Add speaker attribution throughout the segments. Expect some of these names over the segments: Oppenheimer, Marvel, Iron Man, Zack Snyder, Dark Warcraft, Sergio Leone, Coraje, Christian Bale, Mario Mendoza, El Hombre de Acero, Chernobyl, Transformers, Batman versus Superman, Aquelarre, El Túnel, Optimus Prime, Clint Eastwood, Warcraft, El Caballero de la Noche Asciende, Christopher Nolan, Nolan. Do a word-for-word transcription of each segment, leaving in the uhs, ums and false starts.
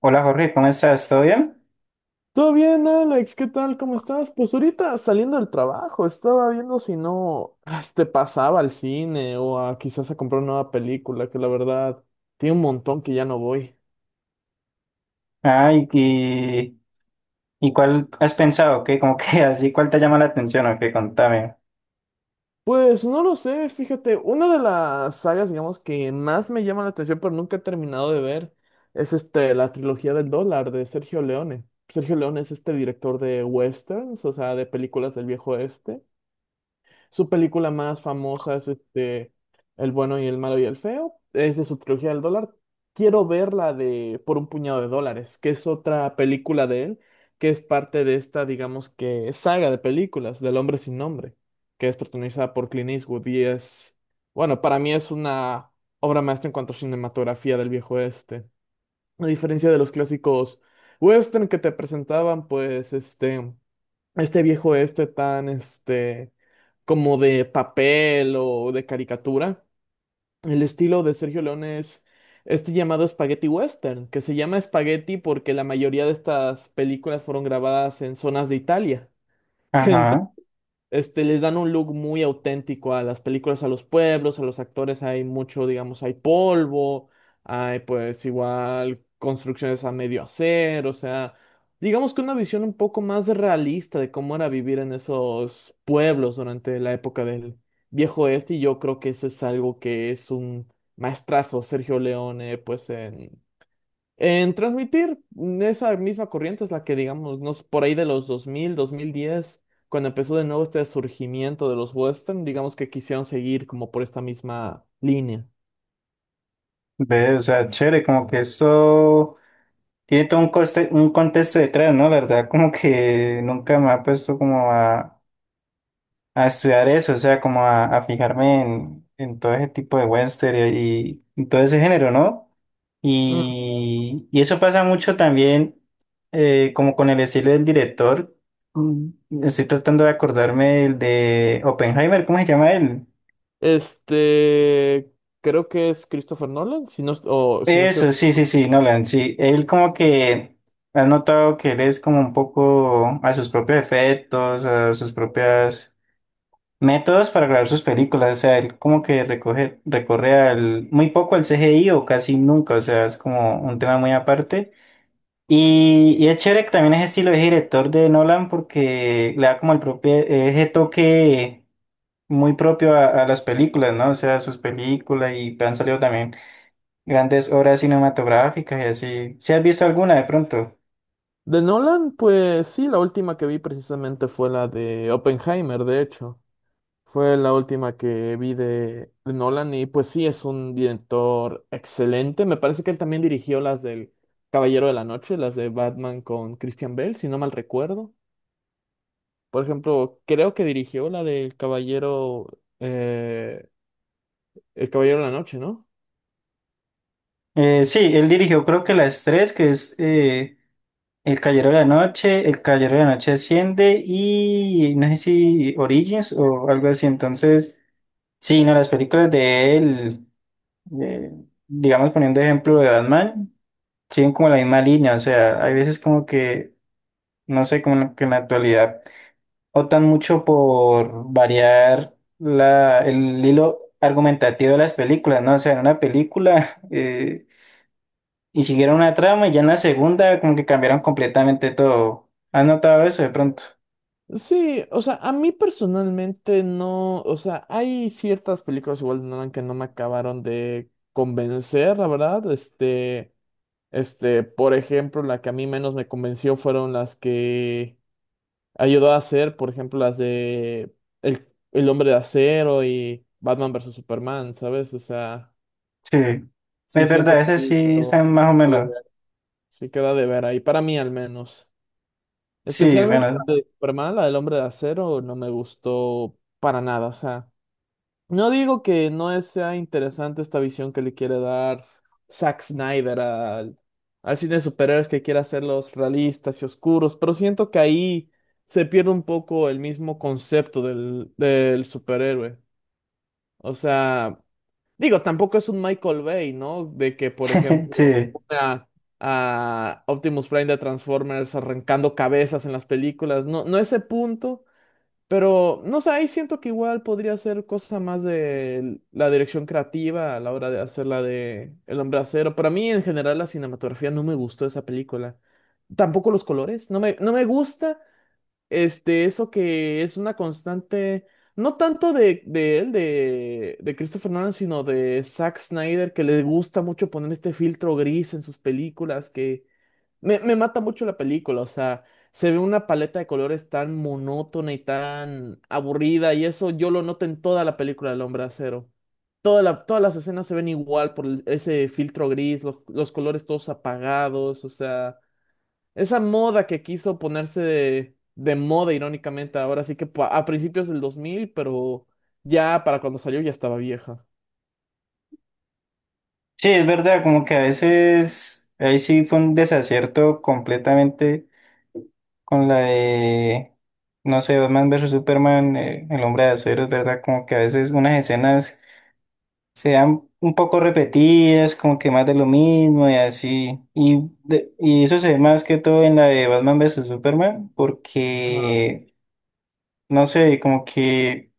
Speaker 1: Hola Jorge, ¿cómo estás? ¿Todo bien?
Speaker 2: Todo bien, Alex, ¿qué tal? ¿Cómo estás? Pues ahorita saliendo del trabajo, estaba viendo si no ah, este, pasaba al cine o a quizás a comprar una nueva película, que la verdad tiene un montón que ya no voy.
Speaker 1: Ah, y, y, y ¿cuál has pensado? ¿Qué? Como que así, ¿cuál te llama la atención? ¿O qué? Contame.
Speaker 2: Pues no lo sé, fíjate, una de las sagas, digamos, que más me llama la atención, pero nunca he terminado de ver, es este, la trilogía del dólar de Sergio Leone. Sergio Leone es este director de westerns, o sea, de películas del viejo oeste. Su película más famosa es este, El bueno y el malo y el feo. Es de su trilogía del dólar. Quiero ver la de Por un puñado de dólares, que es otra película de él, que es parte de esta, digamos que, saga de películas del hombre sin nombre, que es protagonizada por Clint Eastwood y es, bueno, para mí es una obra maestra en cuanto a cinematografía del viejo este. A diferencia de los clásicos western que te presentaban, pues este, este viejo este tan, este como de papel o de caricatura. El estilo de Sergio León es este llamado Spaghetti Western, que se llama Spaghetti porque la mayoría de estas películas fueron grabadas en zonas de Italia.
Speaker 1: Ajá,
Speaker 2: este, les dan un look muy auténtico a las películas, a los pueblos, a los actores, hay mucho, digamos, hay polvo, hay pues igual construcciones a medio hacer, o sea, digamos que una visión un poco más realista de cómo era vivir en esos pueblos durante la época del Viejo Oeste, y yo creo que eso es algo que es un maestrazo Sergio Leone, pues en en transmitir, esa misma corriente es la que, digamos, no sé, por ahí de los dos dos mil, dos mil diez cuando empezó de nuevo este surgimiento de los western, digamos que quisieron seguir como por esta misma línea.
Speaker 1: ve, o sea, chévere, como que esto tiene todo un coste, un contexto detrás, ¿no? La verdad, como que nunca me ha puesto como a, a estudiar eso, o sea, como a, a fijarme en, en todo ese tipo de western y, y todo ese género, ¿no?
Speaker 2: Mm.
Speaker 1: Y, y eso pasa mucho también eh, como con el estilo del director. Mm, Estoy tratando de acordarme del de Oppenheimer, ¿cómo se llama él?
Speaker 2: Este, creo que es Christopher Nolan, si no, est- o si no estoy...
Speaker 1: Eso, sí, sí, sí, Nolan, sí. Él como que has notado que él es como un poco a sus propios efectos, a sus propias métodos para grabar sus películas. O sea, él como que recoge, recorre al, muy poco al C G I o casi nunca. O sea, es como un tema muy aparte. Y, y es chévere que también es estilo es director de Nolan porque le da como el propio, ese toque muy propio a, a las películas, ¿no? O sea, sus películas y han salido también grandes obras cinematográficas y así. ¿Si has visto alguna de pronto?
Speaker 2: De Nolan, pues sí, la última que vi precisamente fue la de Oppenheimer, de hecho. Fue la última que vi de de Nolan y pues sí, es un director excelente. Me parece que él también dirigió las del Caballero de la Noche, las de Batman con Christian Bale, si no mal recuerdo. Por ejemplo, creo que dirigió la del Caballero, eh, El Caballero de la Noche, ¿no?
Speaker 1: Eh, sí, él dirigió creo que las tres, que es eh, El Caballero de la Noche, El Caballero de la Noche Asciende y no sé si Origins o algo así. Entonces, sí, no, las películas de él, eh, digamos poniendo ejemplo de Batman. Siguen como la misma línea, o sea, hay veces como que, no sé, como en la- que en la actualidad optan mucho por variar la, el hilo argumentativo de las películas, ¿no? O sea, en una película eh, y siguieron una trama y ya en la segunda como que cambiaron completamente todo. ¿Has notado eso de pronto?
Speaker 2: Sí, o sea, a mí personalmente no, o sea, hay ciertas películas igual de Nolan que no me acabaron de convencer, la verdad, este... Este, por ejemplo, la que a mí menos me convenció fueron las que ayudó a hacer, por ejemplo, las de El, El Hombre de Acero y Batman versus Superman, ¿sabes? O sea,
Speaker 1: Sí,
Speaker 2: sí
Speaker 1: es verdad,
Speaker 2: siento que
Speaker 1: esas
Speaker 2: ahí
Speaker 1: sí están
Speaker 2: quedó,
Speaker 1: más o
Speaker 2: quedó de
Speaker 1: menos.
Speaker 2: ver. Sí queda de ver ahí, para mí al menos.
Speaker 1: Sí,
Speaker 2: Especialmente
Speaker 1: bueno,
Speaker 2: Superman, la del Hombre de Acero, no me gustó para nada, o sea. No digo que no sea interesante esta visión que le quiere dar Zack Snyder al, al cine de superhéroes que quiere hacerlos realistas y oscuros, pero siento que ahí se pierde un poco el mismo concepto del, del superhéroe. O sea, digo, tampoco es un Michael Bay, ¿no? De que, por ejemplo,
Speaker 1: sí.
Speaker 2: una, a Optimus Prime de Transformers arrancando cabezas en las películas. No, no ese punto, pero, no sé, ahí siento que igual podría ser cosa más de la dirección creativa a la hora de hacer la de El Hombre de Acero. Para mí, en general, la cinematografía no me gustó de esa película. Tampoco los colores. No me, no me gusta este, eso que es una constante, no tanto de, de él, de, de Christopher Nolan, sino de Zack Snyder, que le gusta mucho poner este filtro gris en sus películas, que me, me mata mucho la película, o sea, se ve una paleta de colores tan monótona y tan aburrida, y eso yo lo noto en toda la película del Hombre de Acero. Toda la- todas las escenas se ven igual por el- ese filtro gris, los, los colores todos apagados, o sea... Esa moda que quiso ponerse de, de moda, irónicamente, ahora sí que pa- a principios del dos mil, pero ya para cuando salió ya estaba vieja.
Speaker 1: Sí, es verdad, como que a veces ahí sí fue un desacierto completamente. Con la de, no sé, Batman versus Superman, eh, El Hombre de Acero, es ¿verdad? Como que a veces unas escenas se dan un poco repetidas, como que más de lo mismo y así. Y, de- y eso se ve más que todo en la de Batman versus Superman,
Speaker 2: Ajá.
Speaker 1: porque, no sé, como que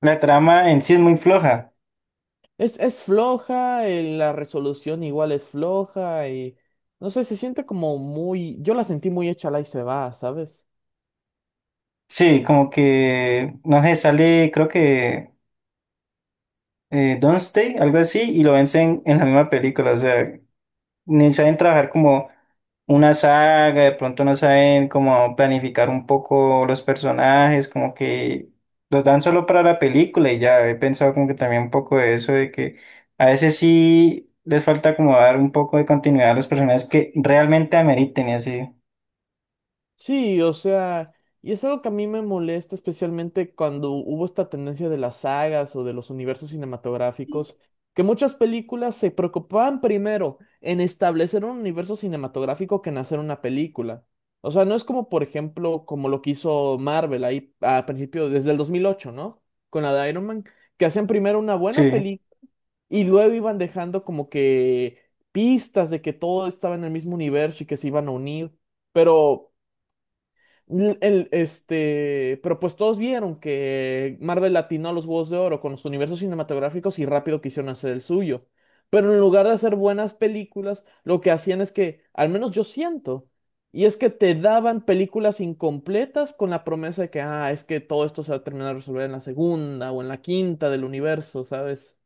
Speaker 1: la trama en sí es muy floja.
Speaker 2: Es, es floja, eh, la resolución igual es floja y no sé, se siente como muy, yo la sentí muy hecha la y se va, ¿sabes?
Speaker 1: Sí, como que, no sé, sale, creo que eh, Stay algo así, y lo vencen en la misma película, o sea. Ni saben trabajar como una saga, de pronto no saben cómo planificar un poco los personajes, como que los dan solo para la película y ya he pensado como que también un poco de eso, de que a veces sí les falta como dar un poco de continuidad a los personajes que realmente ameriten y así.
Speaker 2: Sí, o sea, y es algo que a mí me molesta, especialmente cuando hubo esta tendencia de las sagas o de los universos cinematográficos, que muchas películas se preocupaban primero en establecer un universo cinematográfico que en hacer una película. O sea, no es como, por ejemplo, como lo que hizo Marvel ahí a principio, desde el dos mil ocho, ¿no? Con la de Iron Man, que hacían primero una buena
Speaker 1: Sí,
Speaker 2: película y luego iban dejando como que pistas de que todo estaba en el mismo universo y que se iban a unir. Pero L- El, este, pero pues todos vieron que Marvel atinó a los Juegos de Oro con los universos cinematográficos y rápido quisieron hacer el suyo. Pero en lugar de hacer buenas películas, lo que hacían es que, al menos yo siento, y es que te daban películas incompletas con la promesa de que, ah, es que todo esto se va a terminar de resolver en la segunda o en la quinta del universo, ¿sabes?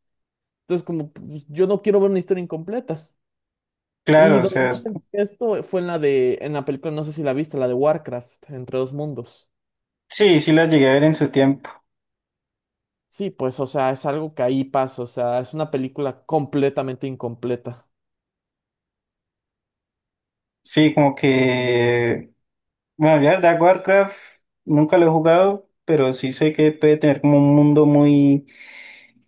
Speaker 2: Entonces, como pues, yo no quiero ver una historia incompleta. Y
Speaker 1: claro, o
Speaker 2: donde
Speaker 1: sea,
Speaker 2: más
Speaker 1: es-
Speaker 2: sentí esto fue en la de, en la película, no sé si la viste, la de Warcraft, Entre dos mundos.
Speaker 1: sí, sí las llegué a ver en su tiempo.
Speaker 2: Sí, pues, o sea, es algo que ahí pasa, o sea, es una película completamente incompleta.
Speaker 1: Sí, como que, bueno, ya Dark Warcraft nunca lo he jugado, pero sí sé que puede tener como un mundo muy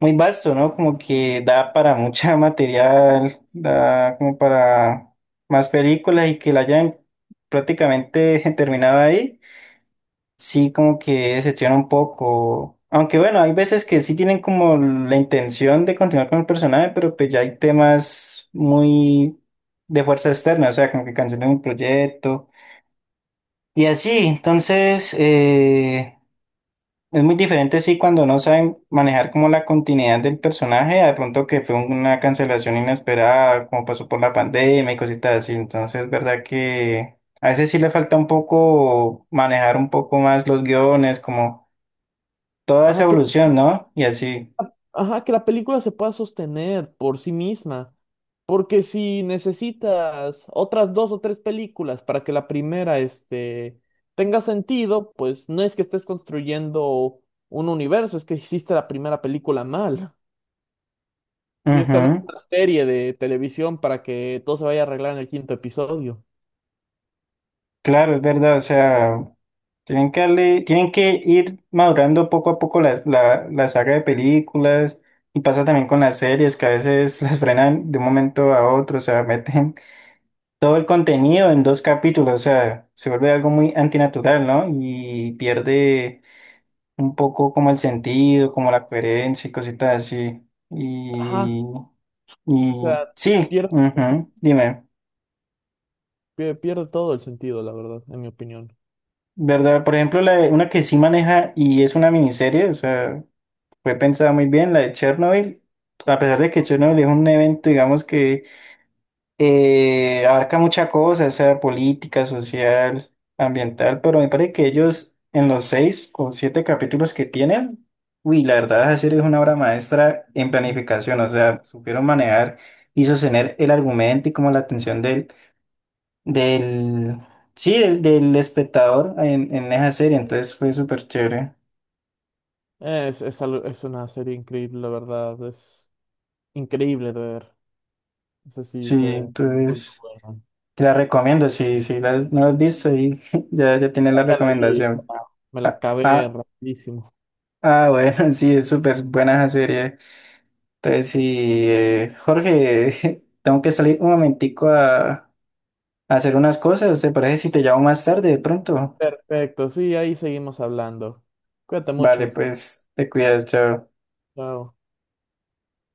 Speaker 1: muy vasto, ¿no? Como que da para mucha material, da como para más películas y que la hayan prácticamente terminado ahí. Sí, como que decepciona un poco. Aunque bueno, hay veces que sí tienen como la intención de continuar con el personaje, pero pues ya hay temas muy de fuerza externa, o sea, como que cancelan un proyecto y así. Entonces, eh, es muy diferente, sí, cuando no saben manejar como la continuidad del personaje, a de pronto que fue una cancelación inesperada, como pasó por la pandemia y cositas así. Entonces, es verdad que a veces sí le falta un poco manejar un poco más los guiones, como toda esa
Speaker 2: Ajá, que,
Speaker 1: evolución, ¿no? Y así.
Speaker 2: ajá, que la película se pueda sostener por sí misma, porque si necesitas otras dos o tres películas para que la primera, este, tenga sentido, pues no es que estés construyendo un universo, es que hiciste la primera película mal. Sí, esto no es
Speaker 1: Ujú.
Speaker 2: una serie de televisión para que todo se vaya a arreglar en el quinto episodio.
Speaker 1: Claro, es verdad, o sea, tienen que darle- tienen que ir madurando poco a poco la, la, la saga de películas. Y pasa también con las series, que a veces las frenan de un momento a otro, o sea, meten todo el contenido en dos capítulos, o sea, se vuelve algo muy antinatural, ¿no? Y pierde un poco como el sentido, como la coherencia y cositas así.
Speaker 2: Ajá,
Speaker 1: Y, y
Speaker 2: o sea,
Speaker 1: sí,
Speaker 2: pierde sentido.
Speaker 1: ujú, dime,
Speaker 2: Pie- Pierde todo el sentido, la verdad, en mi opinión.
Speaker 1: ¿verdad? Por ejemplo, la de- una que sí maneja y es una miniserie, o sea, fue pensada muy bien, la de Chernobyl, a pesar de que Chernobyl es un evento, digamos que eh, abarca muchas cosas, sea política, social, ambiental, pero me parece que ellos en los seis o siete capítulos que tienen, uy, la verdad la serie es una obra maestra en planificación, o sea, supieron manejar y sostener el argumento y como la atención del, del, sí, del, del espectador en, en esa serie, entonces fue súper chévere.
Speaker 2: Es, es, algo- es una serie increíble, la verdad. Es increíble de ver. Eso sí
Speaker 1: Sí,
Speaker 2: fue muy
Speaker 1: entonces
Speaker 2: buena.
Speaker 1: te la recomiendo, si, si la- no la has visto, ahí ya, ya tienes la
Speaker 2: Ya la vi,
Speaker 1: recomendación.
Speaker 2: ya me la
Speaker 1: Ah,
Speaker 2: acabé
Speaker 1: ah,
Speaker 2: rapidísimo.
Speaker 1: ah, bueno, sí, es súper buena esa serie. Entonces, sí, eh, Jorge, tengo que salir un momentico a, a hacer unas cosas. ¿Te parece si te llamo más tarde de pronto?
Speaker 2: Perfecto, sí, ahí seguimos hablando. Cuídate
Speaker 1: Vale,
Speaker 2: mucho.
Speaker 1: pues te cuidas, chao.
Speaker 2: Chao.